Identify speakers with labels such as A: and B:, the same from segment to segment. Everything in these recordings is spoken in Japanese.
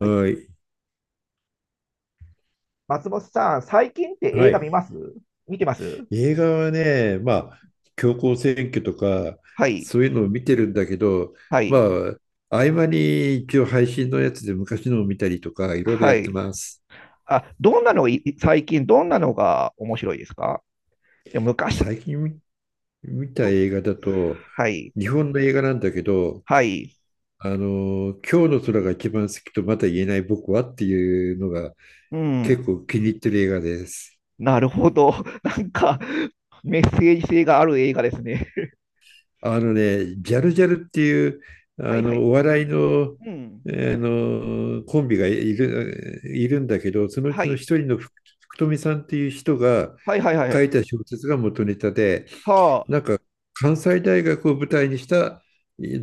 A: はい。
B: い。
A: 松本さん、最近って
B: は
A: 映画
B: い。
A: 見ます？見てます？
B: 映画はね、まあ、強行選挙とか、
A: はい。
B: そういうのを見てるんだけど、
A: は
B: ま
A: い。
B: あ、合間に一応配信のやつで昔のを見たりとか、いろいろ
A: は
B: やっ
A: い。
B: てます。
A: あ、どんなのい、最近どんなのが面白いですか？でも昔
B: 最近た
A: と、
B: 映画だと、
A: はい。
B: 日本の映画なんだけど、
A: はい。
B: 今日の空が一番好きとまだ言えない僕はっていうのが
A: う
B: 結
A: ん。
B: 構気に入ってる映画です。
A: なるほど。なんか、メッセージ性がある映画ですね。
B: あのね、ジャルジャルっていう、
A: はいはい。
B: お
A: う
B: 笑い
A: ん
B: の、
A: うん。
B: あのコンビがいるんだけど、そのう
A: は
B: ちの
A: い。
B: 一人の福富さんっていう人が
A: はいはいは
B: 書
A: い。
B: いた小説が元ネタで、
A: は
B: なんか関西大学を舞台にした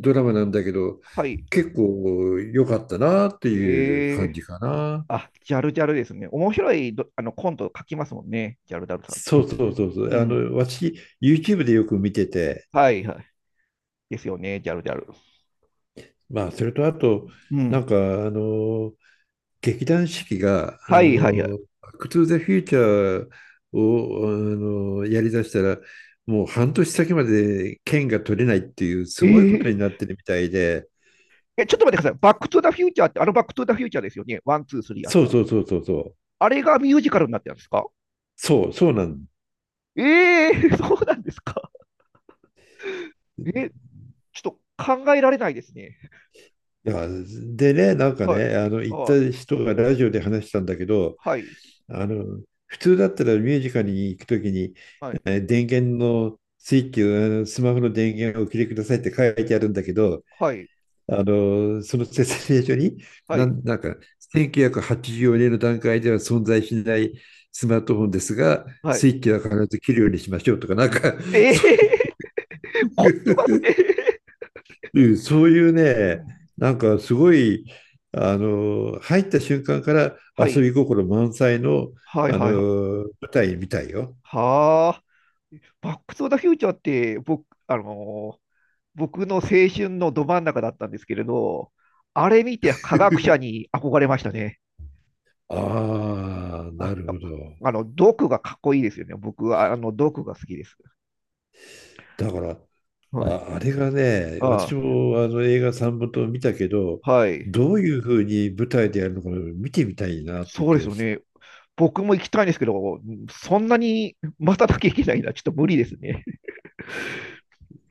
B: ドラマなんだけど、
A: あ。はい。
B: 結構良かったなっていう
A: え
B: 感
A: え、
B: じかな。
A: あ、ジャルジャルですね。面白いどあのコント書きますもんね、ジャルジャルさんっ
B: そ
A: て。
B: うそうそうそ
A: う
B: う。
A: ん。
B: 私、YouTube でよく見てて、
A: はいはい。ですよね、ジャルジャル。
B: まあ、それとあと、
A: う
B: な
A: ん。
B: んか、あの、劇団四季が、
A: はいはいはい。
B: バックトゥーザフューチャーを、やりだしたら、もう半年先まで券が取れないっていう、
A: え
B: すごいこと
A: ー、
B: になってるみたいで、
A: え、ちょっと待ってください。バックトゥザフューチャーって、あのバックトゥザフューチャーですよね。ワン、ツー、スリーあっ
B: そう
A: た。
B: そうそうそうそう、
A: あれがミュージカルになってるんですか？
B: そう、そうなん
A: ええー、そうなんですか。え、ちょっと考えられないですね。
B: だから。でね、なんか
A: はい。
B: ね、行った
A: あ、
B: 人がラジオで話したんだけど、
A: はい。
B: あの、普通だったらミュージカルに行くときに、
A: はい。
B: 電源のスイッチを、あのスマホの電源をお切りくださいって書いてあるんだけど、
A: はい。
B: その説明書に、
A: はい。
B: なんか、1984年の段階では存在しないスマートフォンですが、
A: は
B: スイ
A: い。
B: ッチは必ず切るようにしましょうとか、なんか、
A: ええ
B: そ
A: ー、
B: う
A: 凝ってま
B: い
A: すね。
B: う そういう
A: う
B: ね、
A: ん、
B: なんかすごい、入った瞬間から
A: は
B: 遊
A: い。
B: び心満載の、
A: はい
B: あの、
A: はいはい。
B: 舞台みたいよ。
A: はあ。バックトゥザフューチャーって、僕、僕の青春のど真ん中だったんですけれど、あれ見て科学者 に憧れましたね。
B: ああ、な
A: あ、
B: るほど。
A: あの、毒がかっこいいですよね。僕は、あの、毒が好きです。
B: だから、
A: はい。
B: あれがね、私
A: あ
B: もあの映画3本と見たけど、
A: あ、はい。
B: どういうふうに舞台でやるのか見てみたいなっていう
A: そう
B: 気
A: です
B: が
A: よ
B: し、
A: ね。僕も行きたいんですけど、そんなに瞬きゃいけないのはちょっと無理ですね。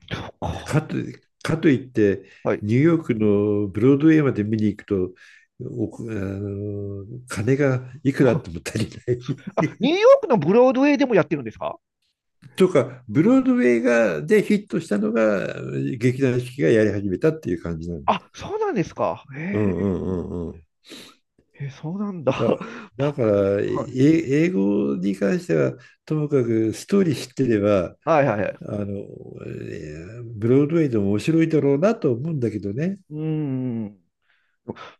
A: そう
B: か
A: か。
B: と、かといって、
A: はい。
B: ニューヨークのブロードウェイまで見に行くと、金がいくらあっ
A: あ、
B: ても足りない。
A: ニューヨークのブロードウェイでもやってるんですか？
B: とか、ブロードウェイでヒットしたのが、劇団四季がやり始めたっていう感じなの。
A: あ、そうなんですか。へ
B: う
A: え、
B: んうんうんうん。
A: へえそうなんだ。
B: だ、
A: パッ
B: だか
A: クと、
B: ら、
A: はい、
B: 英語に関しては、ともかくストーリー知ってれば、
A: はいはいは
B: あ
A: い。
B: の、ブロードウェイでも面白いだろうなと思うんだけどね。
A: うーん。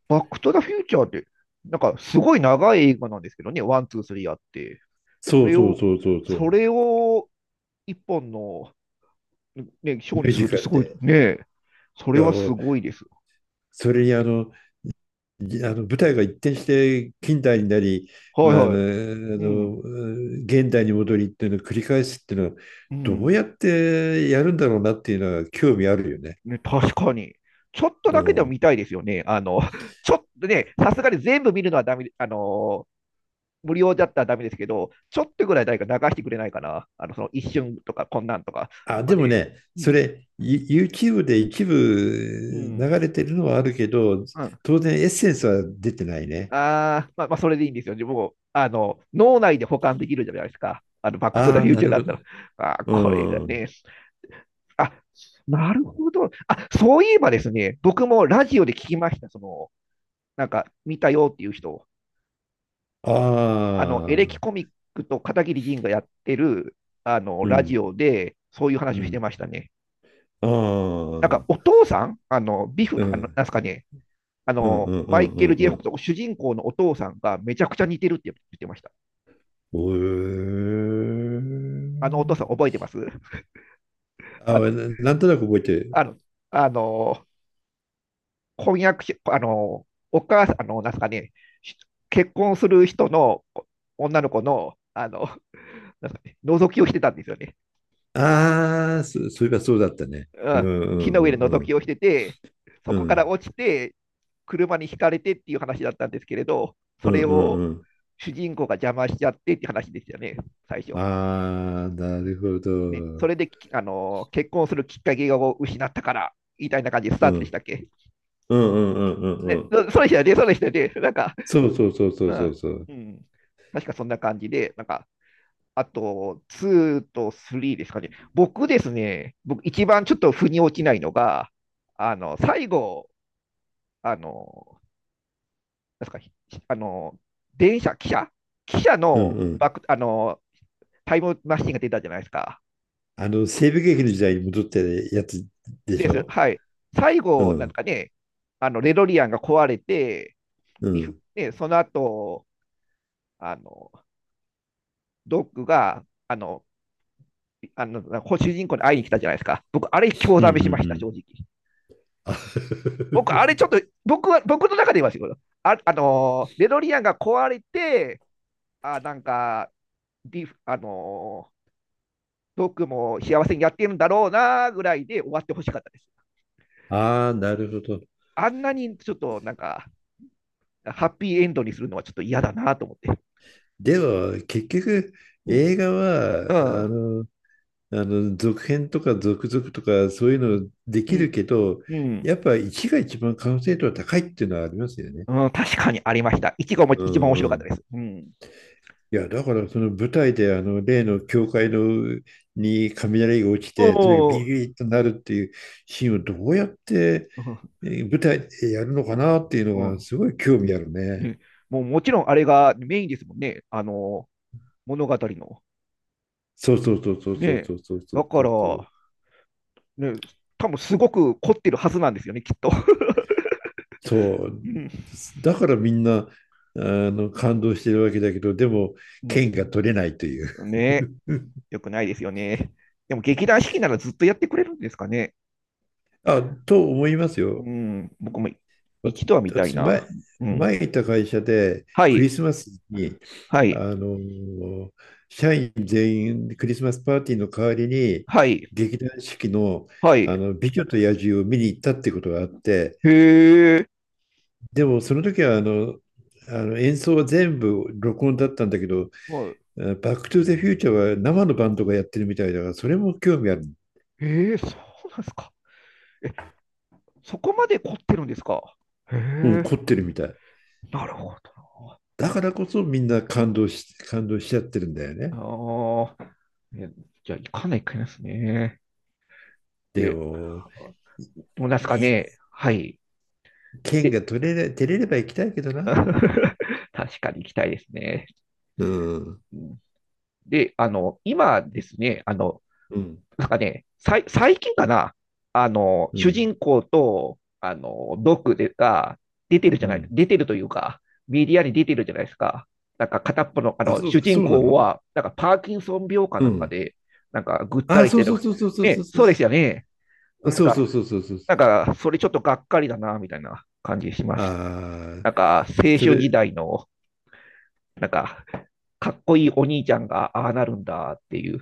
A: バックトゥザフューチャーって、なんかすごい長い映画なんですけどね、ワン、ツー、スリーあって、そ
B: そう
A: れ
B: そう
A: を、
B: そうそうそ
A: そ
B: う。
A: れを一本の、ね、ショー
B: ミュ
A: に
B: ー
A: する
B: ジ
A: って
B: カ
A: す
B: ル
A: ごい
B: で。
A: ね、それ
B: いや、
A: はすごいです。
B: それにあの舞台が一転して近代になり、
A: はい
B: まあ、
A: はい。うん、
B: 現代に戻りっていうのを繰り返すっていうのは、
A: う
B: どう
A: ん、
B: やってやるんだろうなっていうのは興味あるよね。
A: ね、確かに。ちょっと
B: う
A: だけでも
B: ん。
A: 見たいですよね。あの、ちょっとね、さすがに全部見るのはダメ、あの、無料だったらダメですけど、ちょっとぐらい誰か流してくれないかな。あの、その一瞬とか、こんなんとか。なんか
B: で
A: ね、
B: もね、
A: う
B: そ
A: ん、
B: れ、YouTube で一部
A: うん。
B: 流れてるのはあるけど、
A: うん、
B: 当然エッセンスは出てないね。
A: あまあ、まあ、それでいいんですよ。でもあの、脳内で保管できるじゃないですか、あの、バックトゥザ
B: ああ、
A: フュー
B: な
A: チャー
B: る
A: だ
B: ほ
A: っ
B: ど。
A: たら。あこれが
B: うん。
A: ね、あ、なるほど。あ、そういえばですね、僕もラジオで聞きました。その、なんか、見たよっていう人。
B: あ
A: あの、エレキ
B: あ、
A: コミックと片桐仁がやってる、あの、
B: う
A: ラジ
B: ん、
A: オで、そういう
B: う
A: 話をして
B: ん。
A: ましたね。
B: ああ、
A: なんか、
B: う
A: お父さんあの、ビ
B: ん、
A: フ、
B: う
A: あの、
B: ん、
A: なんすかね、あ
B: うん、
A: の、
B: うん、う
A: マイケ
B: ん。
A: ル・ジ
B: う
A: ェフ
B: ん。
A: と主人公のお父さんがめちゃくちゃ似てるって言ってました。
B: おー
A: あのお父さん覚えてます？
B: あ、なんとなく覚えてる。
A: あの、あの、婚約し、あの、お母さん、あの、なんすかね、し結婚する人の女の子の、あの、なんすかね、覗きをしてたんですよね。
B: ああ、そういえばそうだったね。
A: う
B: うん、う
A: ん。木
B: ん、
A: の
B: う
A: 上で覗
B: ん、う
A: き
B: ん。
A: をしてて、そ
B: う
A: こから
B: ん、
A: 落ちて、車にひかれてっていう話だったんですけれど、
B: う
A: そ
B: ん、
A: れ
B: うん。
A: を
B: うん。
A: 主人公が邪魔しちゃってっていう話でしたよね、最初。
B: ああ、なるほ
A: ね、そ
B: ど。
A: れでき、あの、結婚するきっかけを失ったから、みたいな感じでス
B: う
A: タートでし
B: ん。
A: たっけ。
B: うんうんうんうんう
A: ね、
B: ん。
A: そうでしたよね、そうでしたよね。なんか、
B: そうそうそうそ
A: う
B: うそ
A: ん。
B: うそう。
A: うん。確かそんな感じで、なんか、あと、2と3ですかね。僕ですね、僕一番ちょっと腑に落ちないのが、あの、最後、あの、なんですか、あの、電車、汽車汽車
B: うん
A: の
B: う
A: バ
B: ん。
A: ック、あの、タイムマシンが出たじゃないですか。
B: 西部劇の時代に戻ってるやつでし
A: です。
B: ょ？
A: はい。最
B: う
A: 後、なん
B: ん。
A: かね、あの、レドリアンが壊れて、
B: う
A: ビフ、
B: ん。
A: ね、その後、あの、ドッグが、あの、あの、主人公に会いに来たじゃないですか。僕、あれ、興
B: うんう
A: ざ
B: ん
A: め
B: う
A: しました、
B: ん。
A: 正直。
B: あ
A: 僕、あれ、ちょっと、僕は、僕の中で言いますよ、あ、あのー、デロリアンが壊れて、あ、なんか、ディフ、あのー、僕も幸せにやってるんだろうな、ぐらいで終わってほしかったです。
B: あー、なるほど。
A: あんなに、ちょっと、なんか、ハッピーエンドにするのはちょっと嫌だなと思って。
B: では、結局、
A: う
B: 映
A: ん。
B: 画
A: う
B: は、
A: ん。
B: 続編とか続々とか、そういうので
A: う
B: きる
A: ん。
B: けど、
A: うん
B: やっぱ一が一番完成度は高いっていうのはありますよね。
A: うん確かにありました。一番も、
B: う
A: 一番面白かった
B: ん。
A: です。うん。
B: いや、だからその舞台であの例の教会のに雷が落ちて、とにかくビ
A: お
B: リ
A: ー。
B: ビリとなるっていうシーンをどうやって
A: うん。
B: 舞台でやるのかなっていうの
A: う
B: が
A: ん、
B: すごい興味あるね。
A: ね、もうもちろんあれがメインですもんね、あの物語の。
B: そうそうそうそうそうそ
A: ね、
B: うそう
A: だか
B: そ
A: ら、
B: うそう。
A: ね、多分すごく凝ってるはずなんですよね、きっと。
B: そう。
A: うん
B: だからみんなあ感動してるわけだけど、でも
A: う
B: 剣が取れないという。
A: ん、ね、よくないですよね。でも劇団四季ならずっとやってくれるんですかね。
B: あ、と思いますよ。
A: うん、僕も
B: わ
A: 一度は見たい
B: 私、
A: な。うん。
B: 前いた会社で
A: は
B: クリ
A: い、
B: スマスに、
A: はい、
B: あの社員全員クリスマスパーティーの代わりに
A: はい、
B: 劇団四季の、
A: はい。
B: 「美女と野獣」を見に行ったってことがあって、
A: へえ、
B: でもその時は演奏は全部録音だったんだけど
A: はい。
B: 「あのバック・トゥ・ザ・フューチャー」は生のバンドがやってるみたいだからそれも興味ある、
A: へえ、そうなんですか。そこまで凝ってるんですか。へ
B: うん、
A: え、
B: 凝ってるみたい。
A: なるほどな。
B: だからこそみんな感動しちゃってるんだよね。
A: ああ、え、じゃあ行かないかいますね。
B: で
A: で、
B: も
A: どうなんですか
B: い
A: ね。はい。
B: 剣
A: で、
B: が取れれ、照れれば行きたいけど な。
A: 確かに行きたいですね。
B: うん。
A: うん、で、あの、今ですね、あの、
B: うん。
A: なんかね、最近かな、あの、
B: う
A: 主
B: ん。
A: 人公と、あの、ドックでが出てるじ
B: う
A: ゃない、
B: ん。
A: 出てるというか、メディアに出てるじゃないですか。なんか片っぽの、あ
B: あ、
A: の、
B: そ
A: 主
B: う、
A: 人
B: そうな
A: 公
B: の。
A: は、なんかパーキンソン病か
B: う
A: なんか
B: ん。
A: で、なんかぐった
B: あ、
A: りし
B: そ
A: て
B: う
A: る。
B: そうそうそうそうそう
A: ね、
B: そ
A: そうですよ
B: う。
A: ね。なん
B: そう
A: か、
B: そうそうそうそう。
A: なんか、それちょっとがっかりだな、みたいな感じします。
B: あ
A: なん
B: あ、
A: か、青春
B: そ
A: 時
B: れ、
A: 代の、なんか、かっこいいお兄ちゃんが、ああなるんだっていう、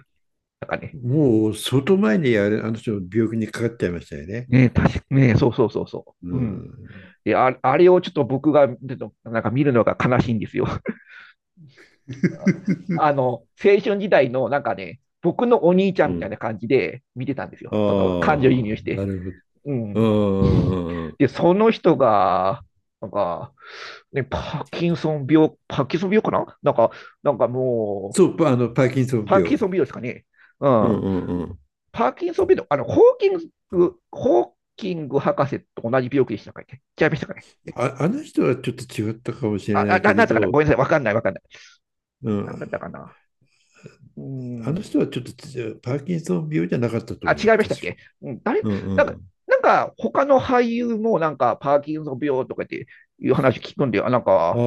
A: なんかね、
B: もう相当前にあれ、あの人の病気にかかっちゃいましたよね。
A: ねえ、確かねえ、そうそうそうそ
B: う
A: う。うん。
B: ん。
A: で、あ、あれをちょっと僕が、ちょっとなんか見るのが悲しいんですよ。あ の、青春時代の、なんかね、僕のお兄ちゃ
B: う
A: んみたいな
B: ん。
A: 感じで見てたんです
B: あ
A: よ、その、感情移入
B: あ、
A: して。
B: なるほど。
A: う
B: う
A: ん。
B: んうんうんうん。
A: で、その人が、なんか、ね、パーキンソン病、パーキンソン病かななんか、なんかも
B: そう、
A: う、
B: パあの、パーキンソン
A: パーキ
B: 病。
A: ンソン病ですかね。う
B: う
A: ん。
B: んうんうん。
A: パーキンソン病の、あの、ホーキング博士と同じ病気でしたかね。違いましたかね。
B: あ、あの人はちょっと違ったかもしれ
A: あ、
B: ない
A: な
B: け
A: んだ
B: れ
A: ったかな
B: ど、
A: ごめんなさい。わかんない、わかんない。
B: うん、
A: なんだったかな。うー
B: あの
A: ん。
B: 人はちょっとパーキンソン病じゃなかったと
A: あ、
B: 思
A: 違
B: う、
A: いましたっ
B: 確か。
A: け？うん、誰、
B: うん
A: なん
B: う
A: か、
B: ん。
A: なんか、他の俳優もなんか、パーキンソン病とかっていう話聞くんで、あ、なん
B: あ
A: か、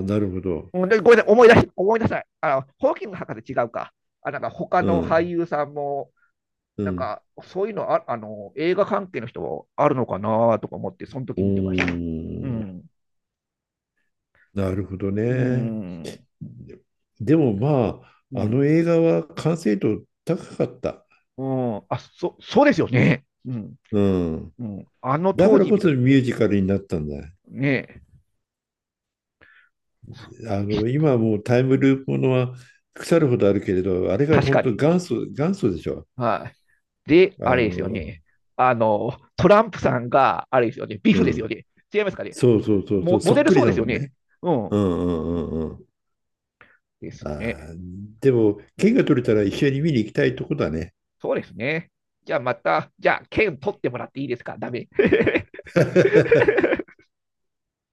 B: あ、なるほど。
A: うんでごめんなさい、思い出さない。あの、ホーキング博士違うか。あ、なんか他
B: う
A: の俳
B: ん
A: 優さんも、
B: う
A: なん
B: ん。
A: かそういうのあ、あの、映画関係の人あるのかなとか思って、その
B: お
A: 時見てました。う
B: ー、
A: ん。
B: な
A: そう
B: るほど
A: う
B: ね。
A: ん。
B: ででもま
A: う
B: あ、あ
A: ん。
B: の映画は完成度高かった。
A: うん。あ、そ、そうですよね。うん。
B: うん。
A: うん。あの
B: だか
A: 当
B: ら
A: 時
B: こ
A: 見た
B: そ
A: 時、
B: ミュージカルになったんだ。
A: ね、
B: 今はもうタイムループものは腐るほどあるけれど、あれが
A: 確
B: 本
A: か
B: 当
A: に。
B: 元祖、元祖でしょ。
A: はい。で、あ
B: あ
A: れですよ
B: の、
A: ね。あの、トランプさんが、あれですよね。ビ
B: う
A: フですよ
B: ん。
A: ね。違いますかね。
B: そうそうそうそう、
A: モ
B: そ
A: デ
B: っ
A: ル
B: くり
A: そう
B: だ
A: です
B: も
A: よ
B: ん
A: ね。
B: ね。
A: うん。
B: うんうんうんうん。
A: ですね。
B: あーでも、券が取れたら一緒に見に行きたいとこだね。
A: そうですね。じゃあまた、じゃあ、券取ってもらっていいですか？ダメ。